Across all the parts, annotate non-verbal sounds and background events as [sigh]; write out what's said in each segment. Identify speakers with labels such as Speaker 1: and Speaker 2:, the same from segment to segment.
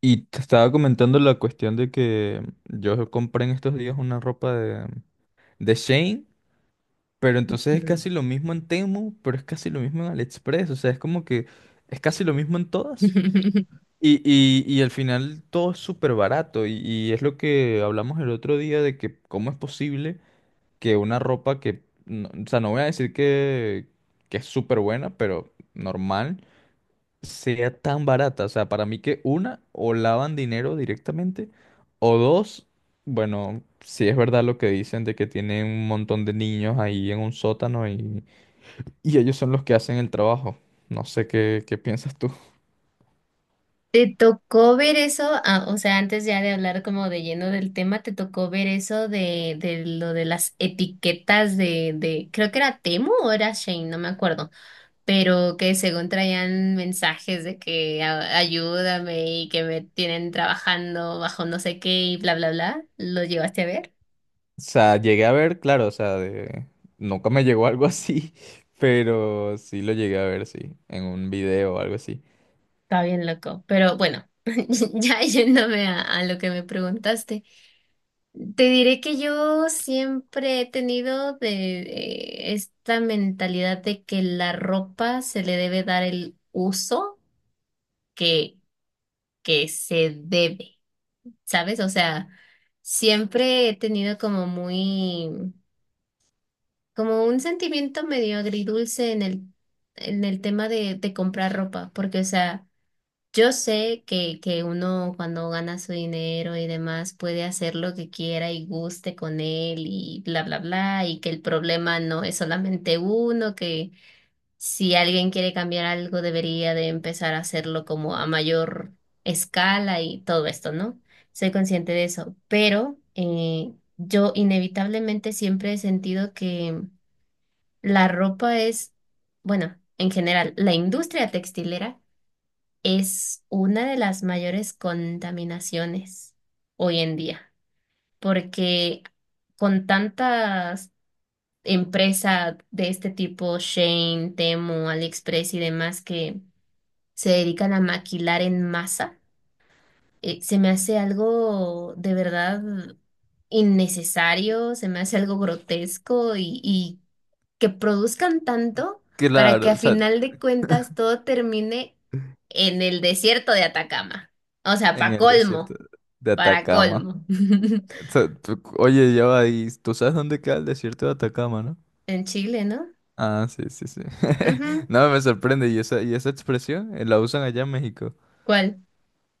Speaker 1: Y te estaba comentando la cuestión de que yo compré en estos días una ropa de Shein, pero entonces es
Speaker 2: Mm.
Speaker 1: casi lo mismo en Temu, pero es casi lo mismo en AliExpress, o sea, es como que es casi lo mismo en todas.
Speaker 2: [laughs]
Speaker 1: Y al final todo es súper barato y es lo que hablamos el otro día de que cómo es posible que una ropa que, no- o sea, no voy a decir que es súper buena, pero normal sea tan barata. O sea, para mí que una, o lavan dinero directamente, o dos, bueno, si es verdad lo que dicen de que tienen un montón de niños ahí en un sótano y ellos son los que hacen el trabajo. No sé qué piensas tú. [laughs]
Speaker 2: ¿Te tocó ver eso? Ah, o sea, antes ya de hablar como de lleno del tema, ¿te tocó ver eso de lo de las etiquetas creo que era Temu o era Shane, no me acuerdo, pero que según traían mensajes de que ayúdame y que me tienen trabajando bajo no sé qué y bla, bla, bla? ¿Lo llevaste a ver?
Speaker 1: O sea, llegué a ver, claro, o sea, nunca me llegó algo así, [laughs] pero sí lo llegué a ver, sí, en un video o algo así.
Speaker 2: Está bien loco, pero bueno, [laughs] ya yéndome a lo que me preguntaste. Te diré que yo siempre he tenido de esta mentalidad de que la ropa se le debe dar el uso que, que se debe, ¿sabes? O sea, siempre he tenido como muy, como un sentimiento medio agridulce en el tema de comprar ropa, porque, o sea, yo sé que uno cuando gana su dinero y demás puede hacer lo que quiera y guste con él y bla, bla, bla, y que el problema no es solamente uno, que si alguien quiere cambiar algo debería de empezar a hacerlo como a mayor escala y todo esto, ¿no? Soy consciente de eso, pero yo inevitablemente siempre he sentido que la ropa es, bueno, en general, la industria textilera es una de las mayores contaminaciones hoy en día, porque con tantas empresas de este tipo, Shane, Temu, AliExpress y demás que se dedican a maquilar en masa, se me hace algo de verdad innecesario, se me hace algo grotesco y que produzcan tanto para que
Speaker 1: Claro,
Speaker 2: a
Speaker 1: o sea,
Speaker 2: final de cuentas todo termine en el desierto de Atacama. O sea,
Speaker 1: en
Speaker 2: para
Speaker 1: el desierto
Speaker 2: colmo,
Speaker 1: de
Speaker 2: para
Speaker 1: Atacama.
Speaker 2: colmo. [laughs]
Speaker 1: Sea, oye, ya va, ¿y tú sabes dónde queda el desierto de Atacama? ¿No?
Speaker 2: En Chile, ¿no?
Speaker 1: Ah, sí, sí, sí. [laughs]
Speaker 2: Ujú.
Speaker 1: No, me sorprende. ¿Y esa expresión la usan allá en México?
Speaker 2: ¿Cuál?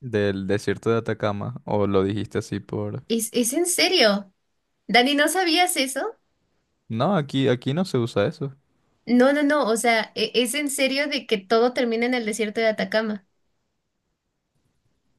Speaker 1: Del desierto de Atacama. ¿O lo dijiste así por...?
Speaker 2: Es en serio? Dani, ¿no sabías eso?
Speaker 1: No, aquí no se usa eso.
Speaker 2: No, no, no, o sea, es en serio de que todo termina en el desierto de Atacama.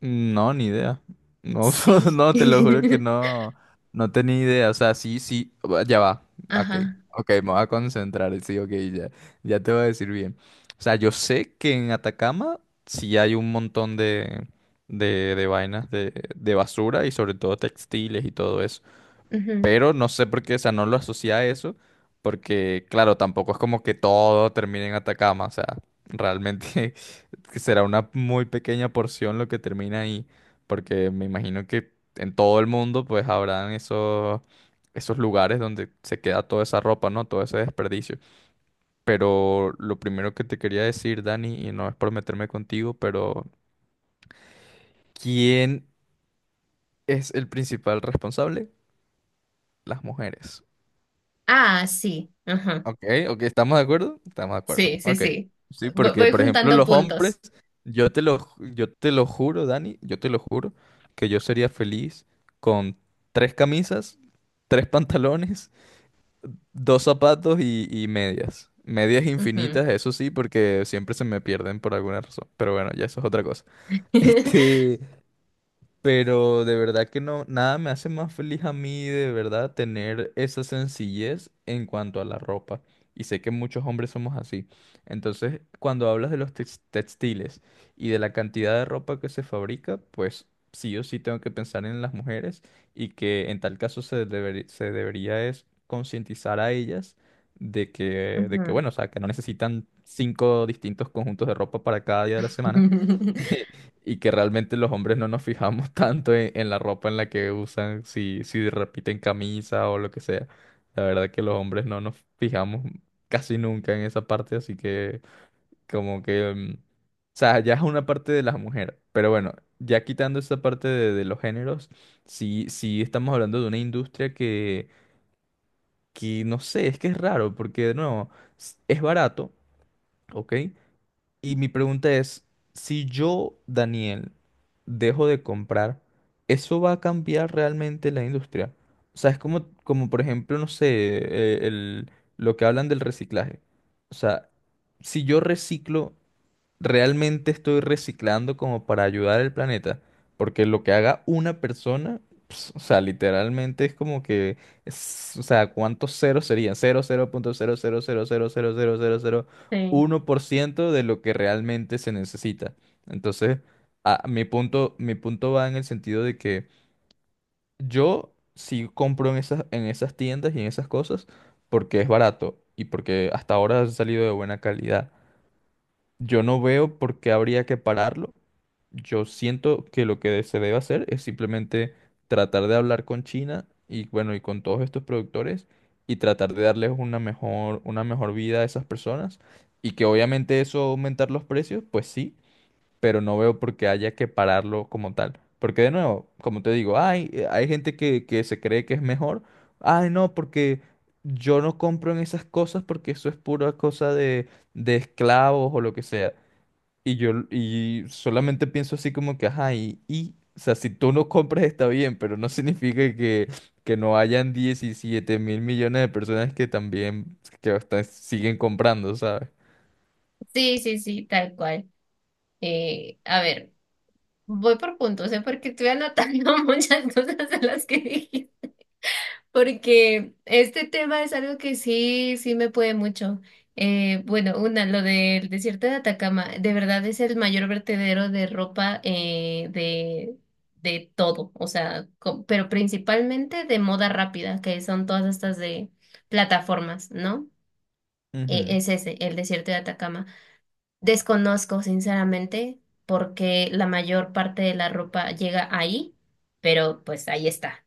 Speaker 1: No, ni idea. No, [laughs]
Speaker 2: Sí.
Speaker 1: no, te lo juro que
Speaker 2: [laughs]
Speaker 1: no, no tenía idea. O sea, sí, sí, ya va. Ok,
Speaker 2: Ajá.
Speaker 1: ok, me voy a concentrar. Sí, ok, ya, ya te voy a decir bien. O sea, yo sé que en Atacama sí hay un montón de vainas de basura y sobre todo textiles y todo eso.
Speaker 2: Ujú.
Speaker 1: Pero no sé por qué, o sea, no lo asocia a eso, porque claro, tampoco es como que todo termine en Atacama, o sea, realmente [laughs] que será una muy pequeña porción lo que termina ahí, porque me imagino que en todo el mundo pues habrán esos lugares donde se queda toda esa ropa, ¿no? Todo ese desperdicio. Pero lo primero que te quería decir, Dani, y no es por meterme contigo, pero ¿quién es el principal responsable? Las mujeres.
Speaker 2: Ah, sí. Ajá.
Speaker 1: Ok, ok, ¿estamos de acuerdo? Estamos de acuerdo.
Speaker 2: Sí, sí,
Speaker 1: Ok.
Speaker 2: sí.
Speaker 1: Sí,
Speaker 2: Voy,
Speaker 1: porque
Speaker 2: voy
Speaker 1: por ejemplo
Speaker 2: juntando
Speaker 1: los
Speaker 2: puntos.
Speaker 1: hombres, yo te lo juro, Dani, yo te lo juro, que yo sería feliz con tres camisas, tres pantalones, dos zapatos y medias. Medias
Speaker 2: Ujú.
Speaker 1: infinitas, eso sí, porque siempre se me pierden por alguna razón. Pero bueno, ya eso es otra cosa. [laughs]
Speaker 2: [laughs]
Speaker 1: Este, pero de verdad que no, nada me hace más feliz a mí de verdad tener esa sencillez en cuanto a la ropa. Y sé que muchos hombres somos así. Entonces, cuando hablas de los textiles y de la cantidad de ropa que se fabrica, pues sí o sí tengo que pensar en las mujeres y que en tal caso se debería es concientizar a ellas de que,
Speaker 2: Ujú.
Speaker 1: bueno, o sea, que no necesitan cinco distintos conjuntos de ropa para cada día de la semana.
Speaker 2: [laughs]
Speaker 1: [laughs] Y que realmente los hombres no nos fijamos [laughs] tanto en la ropa en la que usan, si repiten camisa o lo que sea. La verdad que los hombres no nos fijamos casi nunca en esa parte, así que como que, o sea, ya es una parte de las mujeres. Pero bueno, ya quitando esa parte de los géneros, sí, sí estamos hablando de una industria que no sé, es que es raro, porque de nuevo, es barato, ¿ok? Y mi pregunta es, si yo, Daniel, dejo de comprar, ¿eso va a cambiar realmente la industria? O sea, es como, como por ejemplo, no sé, lo que hablan del reciclaje. O sea, si yo reciclo realmente estoy reciclando como para ayudar al planeta, porque lo que haga una persona, ps, o sea, literalmente es como que, o sea, ¿cuántos ceros serían? Cero punto cero cero cero cero cero cero cero cero punto
Speaker 2: Sí,
Speaker 1: uno por ciento de lo que realmente se necesita. Entonces, mi punto va en el sentido de que yo sí compro en esas, tiendas y en esas cosas porque es barato y porque hasta ahora ha salido de buena calidad. Yo no veo por qué habría que pararlo. Yo siento que lo que se debe hacer es simplemente tratar de hablar con China y bueno, y con todos estos productores y tratar de darles una mejor vida a esas personas y que obviamente eso aumentar los precios, pues sí, pero no veo por qué haya que pararlo como tal. Porque de nuevo, como te digo, hay gente que se cree que es mejor. Ay, no, porque yo no compro en esas cosas porque eso es pura cosa de esclavos o lo que sea. Y yo solamente pienso así como que, ajá, o sea, si tú no compras está bien, pero no [laughs] significa que no hayan 17 mil millones de personas que también que hasta siguen comprando, ¿sabes?
Speaker 2: sí, sí, sí, tal cual. A ver, voy por puntos, ¿eh? Porque estoy anotando [laughs] muchas cosas de las que dije. Porque este tema es algo que sí, sí me puede mucho. Bueno, una, lo del desierto de Atacama, de verdad es el mayor vertedero de ropa de todo, o sea, pero principalmente de moda rápida, que son todas estas de plataformas, ¿no?
Speaker 1: Ujú.
Speaker 2: Es ese, el desierto de Atacama. Desconozco, sinceramente, porque la mayor parte de la ropa llega ahí, pero pues ahí está.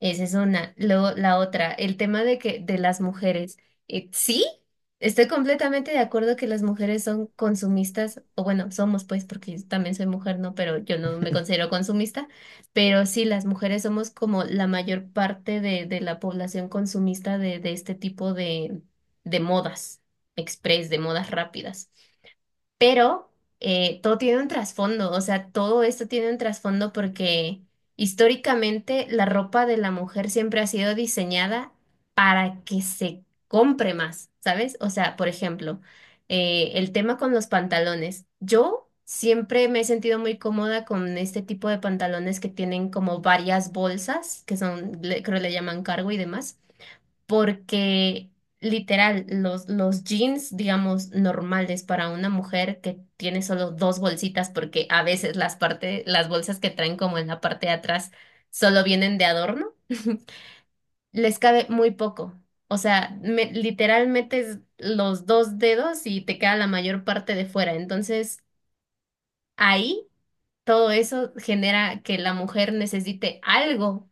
Speaker 2: Esa es una. Luego, la otra, el tema de que de las mujeres. Sí, estoy completamente de acuerdo que las mujeres son consumistas, o bueno, somos pues, porque yo también soy mujer, ¿no? Pero yo no me
Speaker 1: [laughs]
Speaker 2: considero consumista, pero sí, las mujeres somos como la mayor parte de la población consumista de este tipo de modas express, de modas rápidas. Pero todo tiene un trasfondo, o sea, todo esto tiene un trasfondo porque históricamente la ropa de la mujer siempre ha sido diseñada para que se compre más, ¿sabes? O sea, por ejemplo, el tema con los pantalones. Yo siempre me he sentido muy cómoda con este tipo de pantalones que tienen como varias bolsas, que son, creo le llaman cargo y demás porque literal, los jeans, digamos, normales para una mujer que tiene solo dos bolsitas, porque a veces las parte, las bolsas que traen como en la parte de atrás solo vienen de adorno, [laughs] les cabe muy poco. O sea, literal metes los dos dedos y te queda la mayor parte de fuera. Entonces, ahí todo eso genera que la mujer necesite algo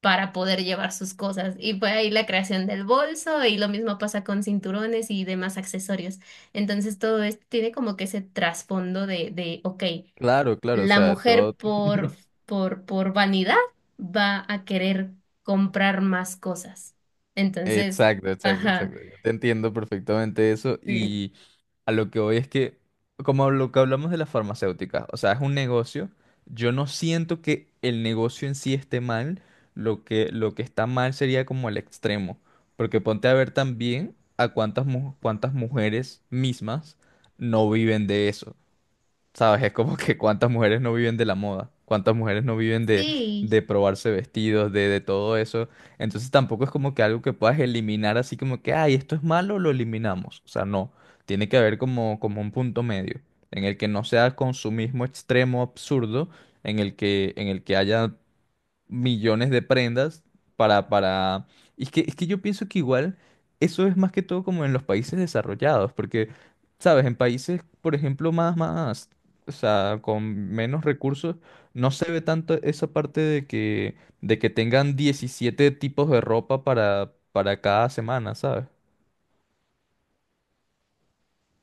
Speaker 2: para poder llevar sus cosas. Y fue ahí la creación del bolso y lo mismo pasa con cinturones y demás accesorios. Entonces todo esto tiene como que ese trasfondo de, ok,
Speaker 1: Claro, claro, o
Speaker 2: la
Speaker 1: sea,
Speaker 2: mujer
Speaker 1: todo.
Speaker 2: por vanidad va a querer comprar más cosas. Entonces,
Speaker 1: Exacto, exacto,
Speaker 2: ajá,
Speaker 1: exacto. Yo te entiendo perfectamente eso
Speaker 2: sí.
Speaker 1: y a lo que voy es que, como lo que hablamos de las farmacéuticas, o sea, es un negocio, yo no siento que el negocio en sí esté mal, lo que está mal sería como el extremo, porque ponte a ver también a cuántas, cuántas mujeres mismas no viven de eso. ¿Sabes? Es como que cuántas mujeres no viven de la moda, cuántas mujeres no viven de,
Speaker 2: Sí,
Speaker 1: de probarse vestidos, de todo eso. Entonces tampoco es como que algo que puedas eliminar así como que, ay, esto es malo, lo eliminamos. O sea, no. Tiene que haber como un punto medio, en el que no sea consumismo extremo, absurdo, en el que haya millones de prendas para, Y es que yo pienso que igual eso es más que todo como en los países desarrollados, porque, sabes, en países, por ejemplo, o sea, con menos recursos, no se ve tanto esa parte de que, tengan 17 tipos de ropa para, cada semana, ¿sabes?